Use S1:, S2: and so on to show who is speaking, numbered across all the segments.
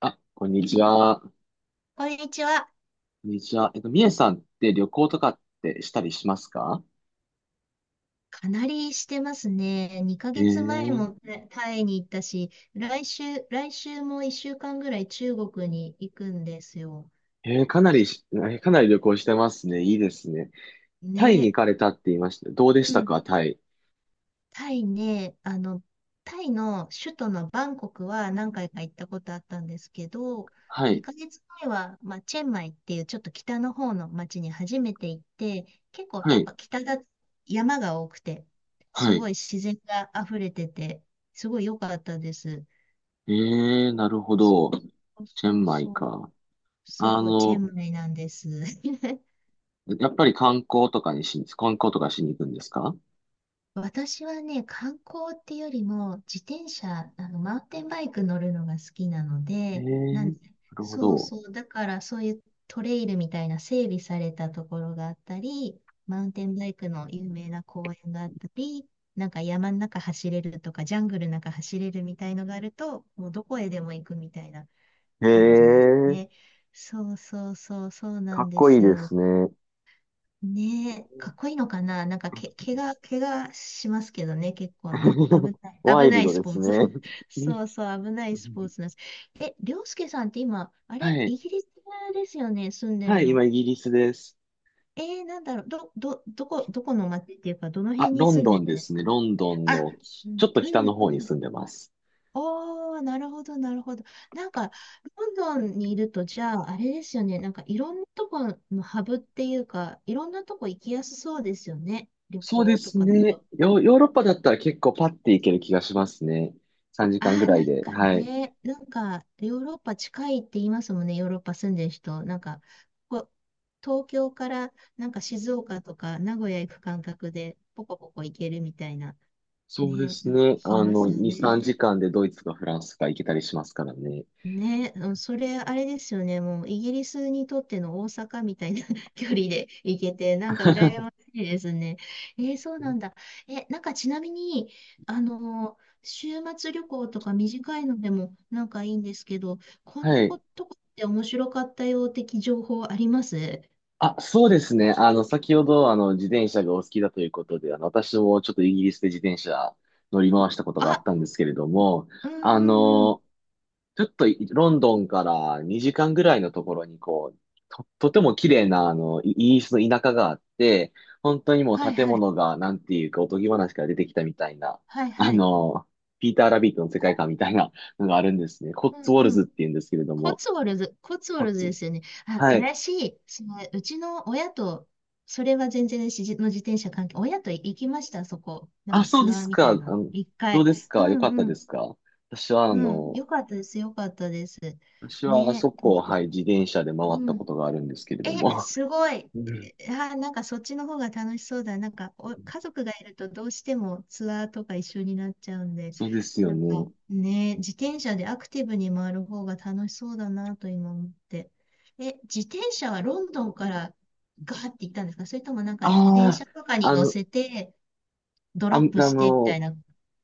S1: あ、こんにちは。こ
S2: こんにちは。
S1: んにちは。みえさんって旅行とかってしたりしますか？
S2: かなりしてますね。2
S1: へ
S2: ヶ月前
S1: え。
S2: もタイに行ったし、来週も1週間ぐらい中国に行くんですよ。
S1: へえ、かなり旅行してますね。いいですね。タイに
S2: ね。
S1: 行かれたって言いました。どうで
S2: う
S1: した
S2: ん。
S1: か、タイ。
S2: タイね、あの、タイの首都のバンコクは何回か行ったことあったんですけど、
S1: はい。
S2: 2ヶ月前は、まあ、チェンマイっていうちょっと北の方の町に初めて行って、結構
S1: は
S2: やっ
S1: い。
S2: ぱ北だ、山が多くて、
S1: は
S2: すご
S1: い。
S2: い自然が溢れてて、すごい良かったです。
S1: ええ、なるほ
S2: そう
S1: ど。
S2: そう
S1: チェ
S2: そ
S1: ン
S2: う
S1: マイ
S2: そう、
S1: か。
S2: そ
S1: あ
S2: うチ
S1: の、
S2: ェンマイなんです。
S1: やっぱり観光とかしに行くんですか？
S2: 私はね、観光っていうよりも、自転車、あの、マウンテンバイク乗るのが好きなの
S1: へえ、
S2: で、な
S1: な
S2: ん
S1: るほ
S2: そう
S1: ど。
S2: そう、だからそういうトレイルみたいな整備されたところがあったり、マウンテンバイクの有名な公園があったり、なんか山の中走れるとか、ジャングルの中走れるみたいのがあると、もうどこへでも行くみたいな
S1: へ
S2: 感じです
S1: え、
S2: ね。そうそうそう、そうな
S1: か
S2: ん
S1: っ
S2: で
S1: こいい
S2: す
S1: で
S2: よ。
S1: すね。
S2: ねえ、かっこいいのかななんかけ、怪我、怪我しますけどね、結構ね。
S1: ワ
S2: 危
S1: イ
S2: な
S1: ル
S2: い
S1: ド
S2: ス
S1: で
S2: ポ
S1: す
S2: ーツ。
S1: ね。
S2: そうそう、危な
S1: う
S2: いスポー
S1: ん。
S2: ツなんです。え、りょうすけさんって今、あ
S1: は
S2: れ、
S1: い。
S2: イギリスですよね、住んで
S1: は
S2: る
S1: い、
S2: の。
S1: 今イギリスです。
S2: えー、なんだろう、どこの町っていうか、どの
S1: あ、
S2: 辺に
S1: ロン
S2: 住ん
S1: ド
S2: で
S1: ン
S2: るん
S1: で
S2: で
S1: す
S2: す
S1: ね。
S2: か？
S1: ロンドン
S2: あ、
S1: の
S2: うん、
S1: ちょっと
S2: う
S1: 北の
S2: ん、う
S1: 方に
S2: ん。
S1: 住んでます。
S2: おー、なるほど、なるほど。なんか、ロンドンにいると、じゃあ、あれですよね。なんか、いろんなとこのハブっていうか、いろんなとこ行きやすそうですよね。旅
S1: そうで
S2: 行と
S1: す
S2: かだ
S1: ね。
S2: と。
S1: ヨーロッパだったら結構パッて行ける気がしますね。3時間
S2: あ
S1: ぐ
S2: あ、
S1: ら
S2: な
S1: い
S2: ん
S1: で。
S2: か
S1: はい。
S2: ね、なんか、ヨーロッパ近いって言いますもんね。ヨーロッパ住んでる人。なんか、ここ東京から、なんか静岡とか名古屋行く感覚で、ポコポコ行けるみたいな。
S1: そうで
S2: ね、
S1: す
S2: なんか
S1: ね。
S2: 聞きますよ
S1: 2、3
S2: ね。
S1: 時間でドイツかフランスか行けたりしますからね。
S2: ね、うんそれ、あれですよね。もう、イギリスにとっての大阪みたいな 距離で行けて、なんか羨ましいですね。えーそうなんだ。え、なんかちなみに、あのー週末旅行とか短いのでもなんかいいんですけど、こん
S1: は
S2: な
S1: い。
S2: ことって面白かったよ的情報あります？
S1: あ、そうですね。先ほど、自転車がお好きだということで、私もちょっとイギリスで自転車乗り回したことがあっ
S2: あ、
S1: たんですけれども、
S2: うん
S1: あ
S2: うんうん。
S1: の、ちょっとロンドンから2時間ぐらいのところにこう、とても綺麗なイギリスの田舎があって、本当にも
S2: は
S1: う
S2: い
S1: 建
S2: はい。
S1: 物がなんていうかおとぎ話から出てきたみたいな、
S2: はい
S1: あ
S2: はい。
S1: の、ピーター・ラビットの世界
S2: こ、
S1: 観みたいなのがあるんですね。コッツウォ
S2: う
S1: ルズ
S2: ん。
S1: って言うんですけれど
S2: コ
S1: も。
S2: ツウォルズ、コツウォ
S1: コッ
S2: ルズで
S1: ツ
S2: すよね。あ、
S1: はい。
S2: 私、その、うちの親と、それは全然私の自転車関係、親と行きました、そこ。なん
S1: あ、
S2: か
S1: そう
S2: ツ
S1: で
S2: アー
S1: す
S2: み
S1: か。
S2: たいな。一
S1: どう
S2: 回。
S1: です
S2: う
S1: か？よかっ
S2: ん
S1: た
S2: う
S1: で
S2: ん。
S1: すか？私は
S2: うん。よかったです、よかったです。
S1: あ
S2: ね、
S1: そ
S2: と
S1: こ
S2: 思
S1: を、
S2: っ
S1: は
S2: て。
S1: い、自転車で回
S2: う
S1: ったこ
S2: ん。
S1: とがあるんですけれ
S2: え、
S1: ども。
S2: すごい。
S1: うん。
S2: あ、なんかそっちの方が楽しそうだ。なんかお、家族がいるとどうしてもツアーとか一緒になっちゃうんで、
S1: そうですよ
S2: なんか
S1: ね。
S2: ね、自転車でアクティブに回る方が楽しそうだなと今思って。え、自転車はロンドンからガーって行ったんですか？それともなんか電
S1: あ
S2: 車とか
S1: あ、
S2: に
S1: あ
S2: 乗
S1: の、
S2: せてド
S1: あ、あ
S2: ロップしてみた
S1: の、
S2: いな。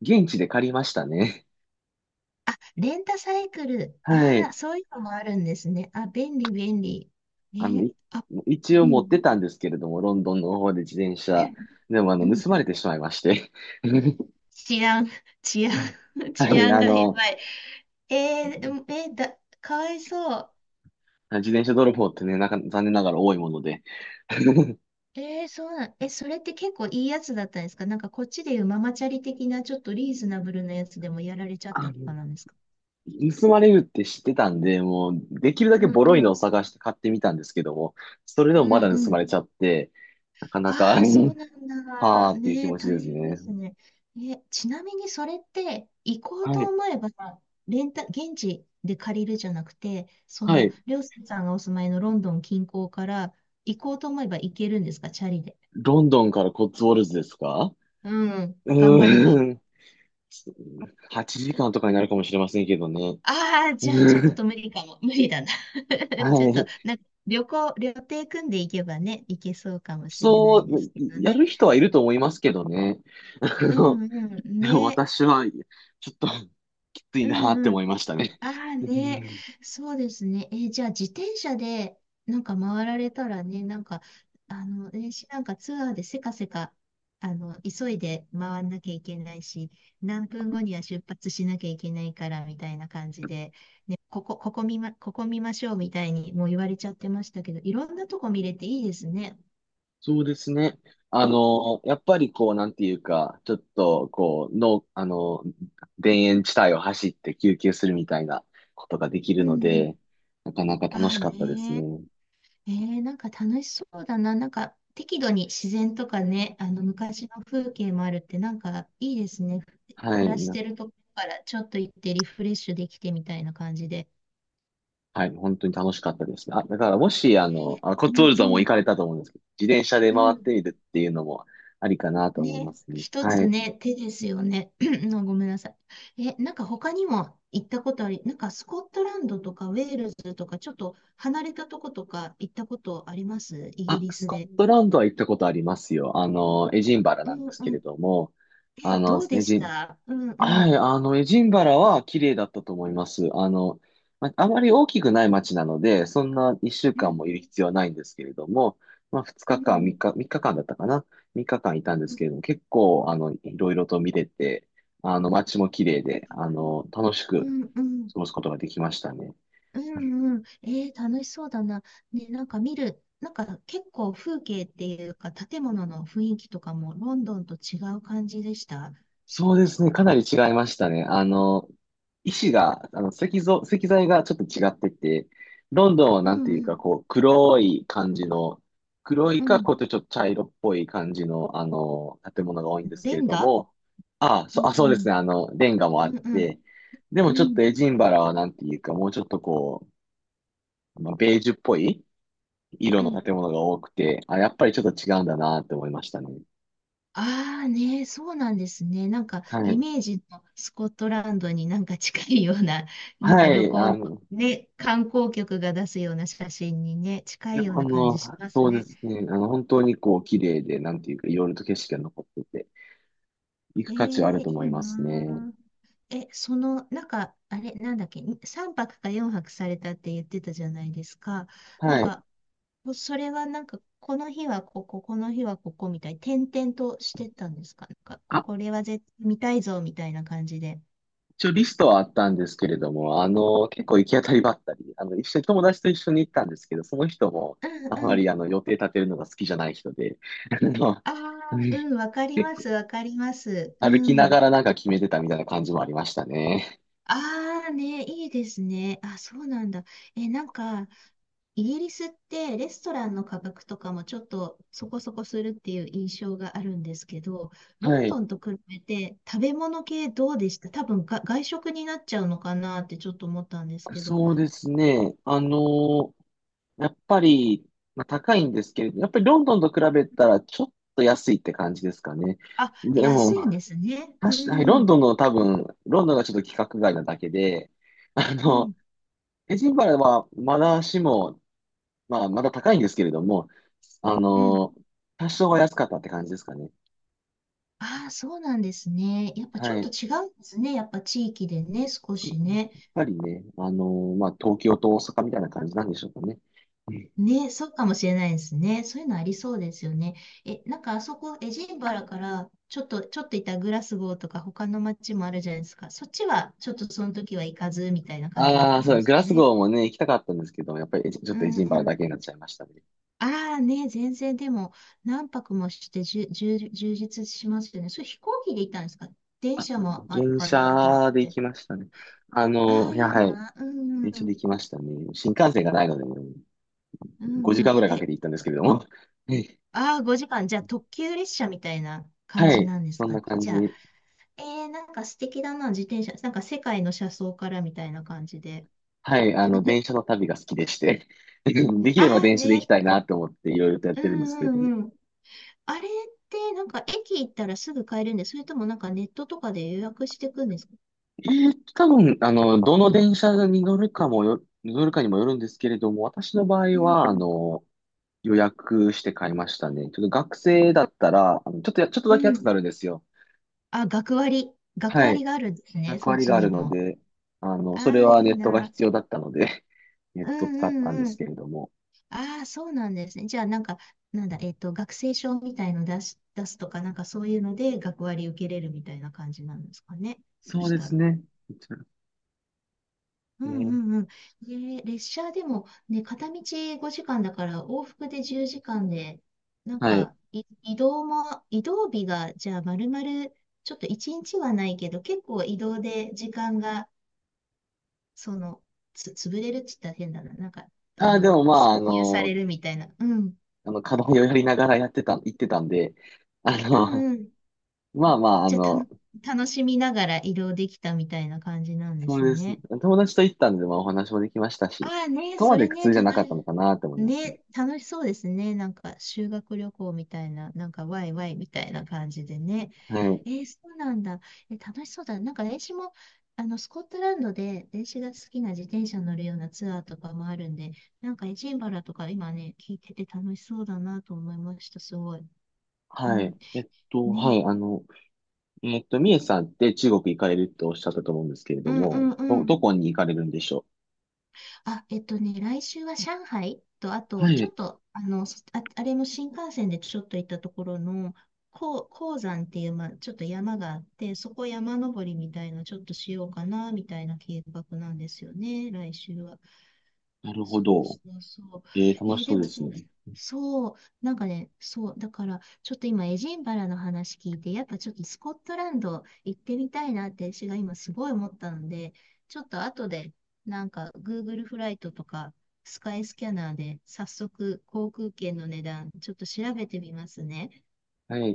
S1: 現地で借りましたね。
S2: レンタサイクル。
S1: は
S2: あ
S1: い。
S2: あ、そういうのもあるんですね。あ、便利。
S1: あの、
S2: え、
S1: い
S2: あ、
S1: 一
S2: う
S1: 応持っ
S2: ん、
S1: てたんですけれども、ロンドンの方で自転車。でも、
S2: うん、うん。
S1: 盗まれてしまいまして。
S2: 治安、治安、
S1: は
S2: 治
S1: い、
S2: 安がやばい。えー、うんえーだ、かわいそう。
S1: 自転車泥棒ってね、なんか、残念ながら多いもので。
S2: えー、そうなん、え、それって結構いいやつだったんですか？なんかこっちでいうママチャリ的なちょっとリーズナブルなやつでもやられちゃっ
S1: あ
S2: たとか
S1: の、
S2: なんですか？
S1: 盗まれるって知ってたんで、もう、できるだけ
S2: うん
S1: ボロい
S2: う
S1: のを
S2: ん。
S1: 探して買ってみたんですけども、それで
S2: う
S1: もまだ盗ま
S2: ん。
S1: れちゃって、なかなか、
S2: ああ、そ うなんだ。
S1: はーっていう気
S2: ねえ、
S1: 持ち
S2: 大
S1: です
S2: 変で
S1: ね。
S2: すね。え、ちなみにそれって、行こう
S1: は
S2: と
S1: い。
S2: 思えば、レンタ、現地で借りるじゃなくて、そ
S1: は
S2: の、
S1: い。
S2: りょうすけさんがお住まいのロンドン近郊から、行こうと思えば行けるんですか、チャリで。
S1: ロンドンからコッツウォルズですか？
S2: うん、
S1: う
S2: 頑張れ
S1: ー
S2: ば。
S1: ん。8時間とかになるかもしれませんけどね。
S2: ああ、じゃあちょっ
S1: うん。
S2: と無理かも。無理だな。ち
S1: は
S2: ょっと、
S1: い。
S2: なんか、旅行、旅程組んでいけばね、行けそうかもしれな
S1: そ
S2: いで
S1: う、
S2: すけど
S1: や
S2: ね。
S1: る人はいると思いますけどね。あ
S2: う
S1: の、
S2: んうん、
S1: でも
S2: ね。
S1: 私は、ちょっと、きつい
S2: う
S1: なって
S2: んう
S1: 思
S2: ん。
S1: いましたね。
S2: ああ
S1: う
S2: ね、
S1: ん。
S2: そうですね。えーじゃあ自転車でなんか回られたらね、なんか、あの、ね、しなんかツアーでせかせか、あの、急いで回んなきゃいけないし、何分後には出発しなきゃいけないからみたいな感じで、ね、ここ見ましょうみたいにもう言われちゃってましたけど、いろんなとこ見れていいですね。
S1: そうですね。やっぱりこう、なんていうか、ちょっと、こう、の、あの、田園地帯を走って休憩するみたいなことができ
S2: う
S1: るの
S2: んうん。
S1: で、なかなか楽
S2: あ
S1: し
S2: あ
S1: かったです
S2: ね。
S1: ね。
S2: えー、なんか楽しそうだな。なんか適度に自然とかね、あの昔の風景もあるってなんかいいですね。
S1: は
S2: 暮
S1: い、
S2: らしてるとこからちょっと行ってリフレッシュできてみたいな感じで。
S1: はい、本当に楽しかったですね。あ、だからも
S2: え
S1: し、
S2: ー、
S1: コ
S2: う
S1: ッツウォ
S2: ん
S1: ルズ
S2: う
S1: はもう行
S2: ん
S1: かれたと思うんですけど、自転車で
S2: う
S1: 回っ
S2: ん。
S1: てみるっていうのもありかなと思い
S2: ね、
S1: ますね。
S2: 一
S1: は
S2: つ
S1: い。
S2: ね、手ですよね。のごめんなさい。え、なんか他にも行ったことあり、なんかスコットランドとかウェールズとかちょっと離れたとことか行ったことあります？イギ
S1: あ、
S2: リ
S1: ス
S2: ス
S1: コ
S2: で。
S1: ットランドは行ったことありますよ。エジンバラ
S2: う
S1: なん
S2: ん
S1: です
S2: う
S1: けれ
S2: ん。
S1: ども、
S2: え、
S1: あの
S2: ど
S1: で
S2: う
S1: すね、
S2: で
S1: エ
S2: し
S1: ジン、
S2: た？うんうん。
S1: はい、エジンバラは綺麗だったと思います。まあまり大きくない街なので、そんな1週
S2: う
S1: 間
S2: ん
S1: もいる必要はないんですけれども、まあ、2
S2: う
S1: 日間、
S2: ん、
S1: 3日間だったかな ?3 日間いたんで
S2: う
S1: す
S2: ん、
S1: けれども、結構、いろいろと見れて、街も綺麗で、楽しく
S2: うん、
S1: 過ごすことができましたね。
S2: うん、うん。えー、楽しそうだな。ね、なんか見る、なんか結構風景っていうか、建物の雰囲気とかもロンドンと違う感じでした？
S1: そうですね。かなり違いましたね。石が、石像、石材がちょっと違ってて、ロンドンは
S2: う
S1: なんて
S2: ん、
S1: い
S2: う
S1: うか、
S2: ん、
S1: こう、黒い感じの、黒い
S2: う
S1: か、
S2: ん。
S1: こうやってちょっと茶色っぽい感じの、建物が多いんです
S2: レ
S1: けれ
S2: ン
S1: ど
S2: ガ。
S1: も、ああ、
S2: うん、う
S1: そうです
S2: ん、
S1: ね。レンガもあ
S2: う
S1: っ
S2: ん、うん、
S1: て、でもちょ
S2: う
S1: っと
S2: ん。
S1: エジンバラはなんていうか、もうちょっとこう、まあ、ベージュっぽい色
S2: う
S1: の
S2: ん。
S1: 建物が多くて、あ、やっぱりちょっと違うんだなって思いましたね。
S2: ああね、そうなんですね。なんか
S1: は
S2: イ
S1: い。
S2: メージのスコットランドになんか近いような、なん
S1: は
S2: か
S1: い。
S2: 旅行のね、観光局が出すような写真にね、
S1: い
S2: 近
S1: や、
S2: いよう
S1: あ
S2: な感
S1: の、
S2: じします
S1: そうで
S2: ね。
S1: すね。本当にこう、綺麗で、なんていうか、いろいろと景色が残ってて、行
S2: え
S1: く価値はあ
S2: え
S1: ると思
S2: い
S1: い
S2: い
S1: ます
S2: な
S1: ね。
S2: あ。え、その、なんか、あれ、なんだっけ、3泊か4泊されたって言ってたじゃないですか。なん
S1: はい。
S2: か、もうそれはなんか、この日はここ、この日はここみたいに、転々としてたんですか？なんか、こ
S1: あ、
S2: これは絶対見たいぞみたいな感じで。
S1: 一応リストはあったんですけれども、結構行き当たりばったり、一緒に友達と一緒に行ったんですけど、その人も、
S2: うん
S1: あま
S2: うん。
S1: り予定立てるのが好きじゃない人で、あの、
S2: ああ、
S1: うん。
S2: うん、わかり
S1: 結
S2: ま
S1: 構
S2: す、わかります。う
S1: 歩きな
S2: ん。
S1: がらなんか決めてたみたいな感じもありましたね。
S2: ああね、いいですね。あ、そうなんだ。え、なんか、イギリスってレストランの価格とかもちょっとそこそこするっていう印象があるんですけど、ロ
S1: は
S2: ン
S1: い。
S2: ドンと比べて食べ物系どうでした？多分が外食になっちゃうのかなってちょっと思ったんですけど。
S1: そうですね。やっぱり、まあ、高いんですけれど、やっぱりロンドンと比べたらちょっと安いって感じですかね。
S2: あ、
S1: で
S2: 安
S1: も、
S2: いんですね。う
S1: 確かにロン
S2: ん、
S1: ドンの多分、ロンドンがちょっと規格外なだけで、あ
S2: うん、
S1: の、エジンバラはまだしも、まあ、まだ高いんですけれども、あ
S2: うん。
S1: の、多少は安かったって感じですかね。
S2: ああ、そうなんですね。やっぱちょ
S1: は
S2: っと
S1: い。
S2: 違うんですね。やっぱ地域でね、少
S1: そう
S2: し
S1: やっ
S2: ね。
S1: ぱりね、まあ、東京と大阪みたいな感じなんでしょうかね。
S2: ね、そうかもしれないですね。そういうのありそうですよね。え、なんかあそこ、エジンバラから、ちょっといたグラスゴーとか他の街もあるじゃないですか。そっちは、ちょっとその時は行かず、みたいな感じだっ
S1: ああ
S2: た
S1: ー、
S2: ん
S1: そ
S2: で
S1: う、
S2: す
S1: グ
S2: か
S1: ラス
S2: ね。
S1: ゴーもね、行きたかったんですけど、やっぱりちょっ
S2: う
S1: とエ
S2: ん
S1: ジンバ
S2: う
S1: ラだ
S2: ん。
S1: けになっちゃいましたね。
S2: ああね、全然でも、何泊もしてじゅ、充実しますよね。それ飛行機で行ったんですか？電
S1: あ、
S2: 車もある
S1: 電
S2: かなと思っ
S1: 車で行
S2: て。
S1: きましたね。
S2: ああ、いい
S1: はい。
S2: な。うん
S1: 電
S2: う
S1: 車
S2: ん。
S1: で行きましたね。新幹線がないので、
S2: う
S1: 5
S2: んう
S1: 時
S2: ん。
S1: 間ぐらいかけ
S2: え、
S1: て行ったんですけれども。はい。
S2: ああ、5時間。じゃあ、特急列車みたいな感
S1: は
S2: じ
S1: い、
S2: なんです
S1: そん
S2: か
S1: な
S2: ね。
S1: 感
S2: じ
S1: じ。
S2: ゃあえー、なんか素敵だな、自転車。なんか世界の車窓からみたいな感じで。
S1: はい。電車の旅が好きでして。
S2: う
S1: で
S2: ん、
S1: きれば
S2: ああ
S1: 電車で行き
S2: ね。
S1: たいなと思っていろいろとやっ
S2: う
S1: てるんですけ
S2: ん
S1: れ
S2: う
S1: ども。
S2: んうん。あれってなんか駅行ったらすぐ買えるんで、それともなんかネットとかで予約していくんですか？
S1: え多分、どの電車に乗るかにもよるんですけれども、私の場
S2: う
S1: 合は、
S2: ん
S1: 予約して買いましたね。ちょっと学生だったら、ちょっと
S2: う
S1: だけ
S2: ん。う
S1: 安く
S2: ん。
S1: なるんですよ。
S2: あ、学割。学
S1: はい。
S2: 割があるんですね、
S1: 役
S2: そっ
S1: 割
S2: ち
S1: があ
S2: に
S1: るの
S2: も。
S1: で、
S2: あ
S1: それ
S2: あ、い
S1: はネ
S2: い
S1: ットが
S2: な。
S1: 必要だったので、ネッ
S2: う
S1: トを
S2: ん
S1: 使ったん
S2: う
S1: で
S2: んう
S1: す
S2: ん。
S1: けれども。
S2: ああ、そうなんですね。じゃあなんか、なんだ、えっと、学生証みたいの出し、出すとか、なんかそういうので学割受けれるみたいな感じなんですかね。そ
S1: そう
S2: し
S1: で
S2: た
S1: す
S2: ら。
S1: ね。
S2: う
S1: え
S2: ん
S1: ー
S2: うんうん。ね、列車でもね、片道5時間だから往復で10時間で、なん
S1: はい。
S2: かい移動も、移動日がじゃあ丸々ちょっと1日はないけど、結構移動で時間が、その、つ、潰れるって言ったら変だな。なんか、あ
S1: ああ、で
S2: の、
S1: もま
S2: 占
S1: あ、
S2: 有されるみたいな。うん。
S1: 課題をやりながらやってた、行ってたんで、あ
S2: うん
S1: の、
S2: うん。
S1: まあまあ、
S2: じゃあたの、楽しみながら移動できたみたいな感じなんで
S1: そ
S2: す
S1: うです。
S2: ね。
S1: 友達と行ったんで、まあお話もできましたし、
S2: ああね、
S1: そこま
S2: そ
S1: で
S2: れ
S1: 苦
S2: ね、
S1: 痛じゃ
S2: た
S1: な
S2: だ、
S1: かったのかなと思いますね。
S2: ね、楽しそうですね。なんか修学旅行みたいな、なんかワイワイみたいな感じでね。
S1: はい。
S2: えーそうなんだ。え、楽しそうだ。なんか子も、あの、スコットランドで電子が好きな自転車乗るようなツアーとかもあるんで、なんかエジンバラとか今ね、聞いてて楽しそうだなと思いました。すごい。う
S1: は
S2: ん。
S1: い。は
S2: ね。
S1: い。みえさんって中国行かれるとおっしゃったと思うんですけれ
S2: う
S1: ど
S2: ん
S1: も、
S2: うん。
S1: どこに行かれるんでしょ
S2: あ、えっとね、来週は上海と、あ
S1: う。
S2: と、
S1: は
S2: ちょ
S1: い。
S2: っと、あの、そあ、あれも新幹線でちょっと行ったところの、こう鉱山っていう、まあ、ちょっと山があって、そこ山登りみたいな、ちょっとしようかな、みたいな計画なんですよね、来週は。
S1: なるほ
S2: そう
S1: ど。
S2: そうそう。え
S1: 楽し
S2: ー
S1: そ
S2: で
S1: うで
S2: も、
S1: すね。
S2: そう、なんかね、そう、だから、ちょっと今、エジンバラの話聞いて、やっぱちょっとスコットランド行ってみたいなって、私が今すごい思ったので、ちょっと後で、なんか、Google フライトとか、スカイスキャナーで、早速、航空券の値段、ちょっと調べてみますね。
S1: はい。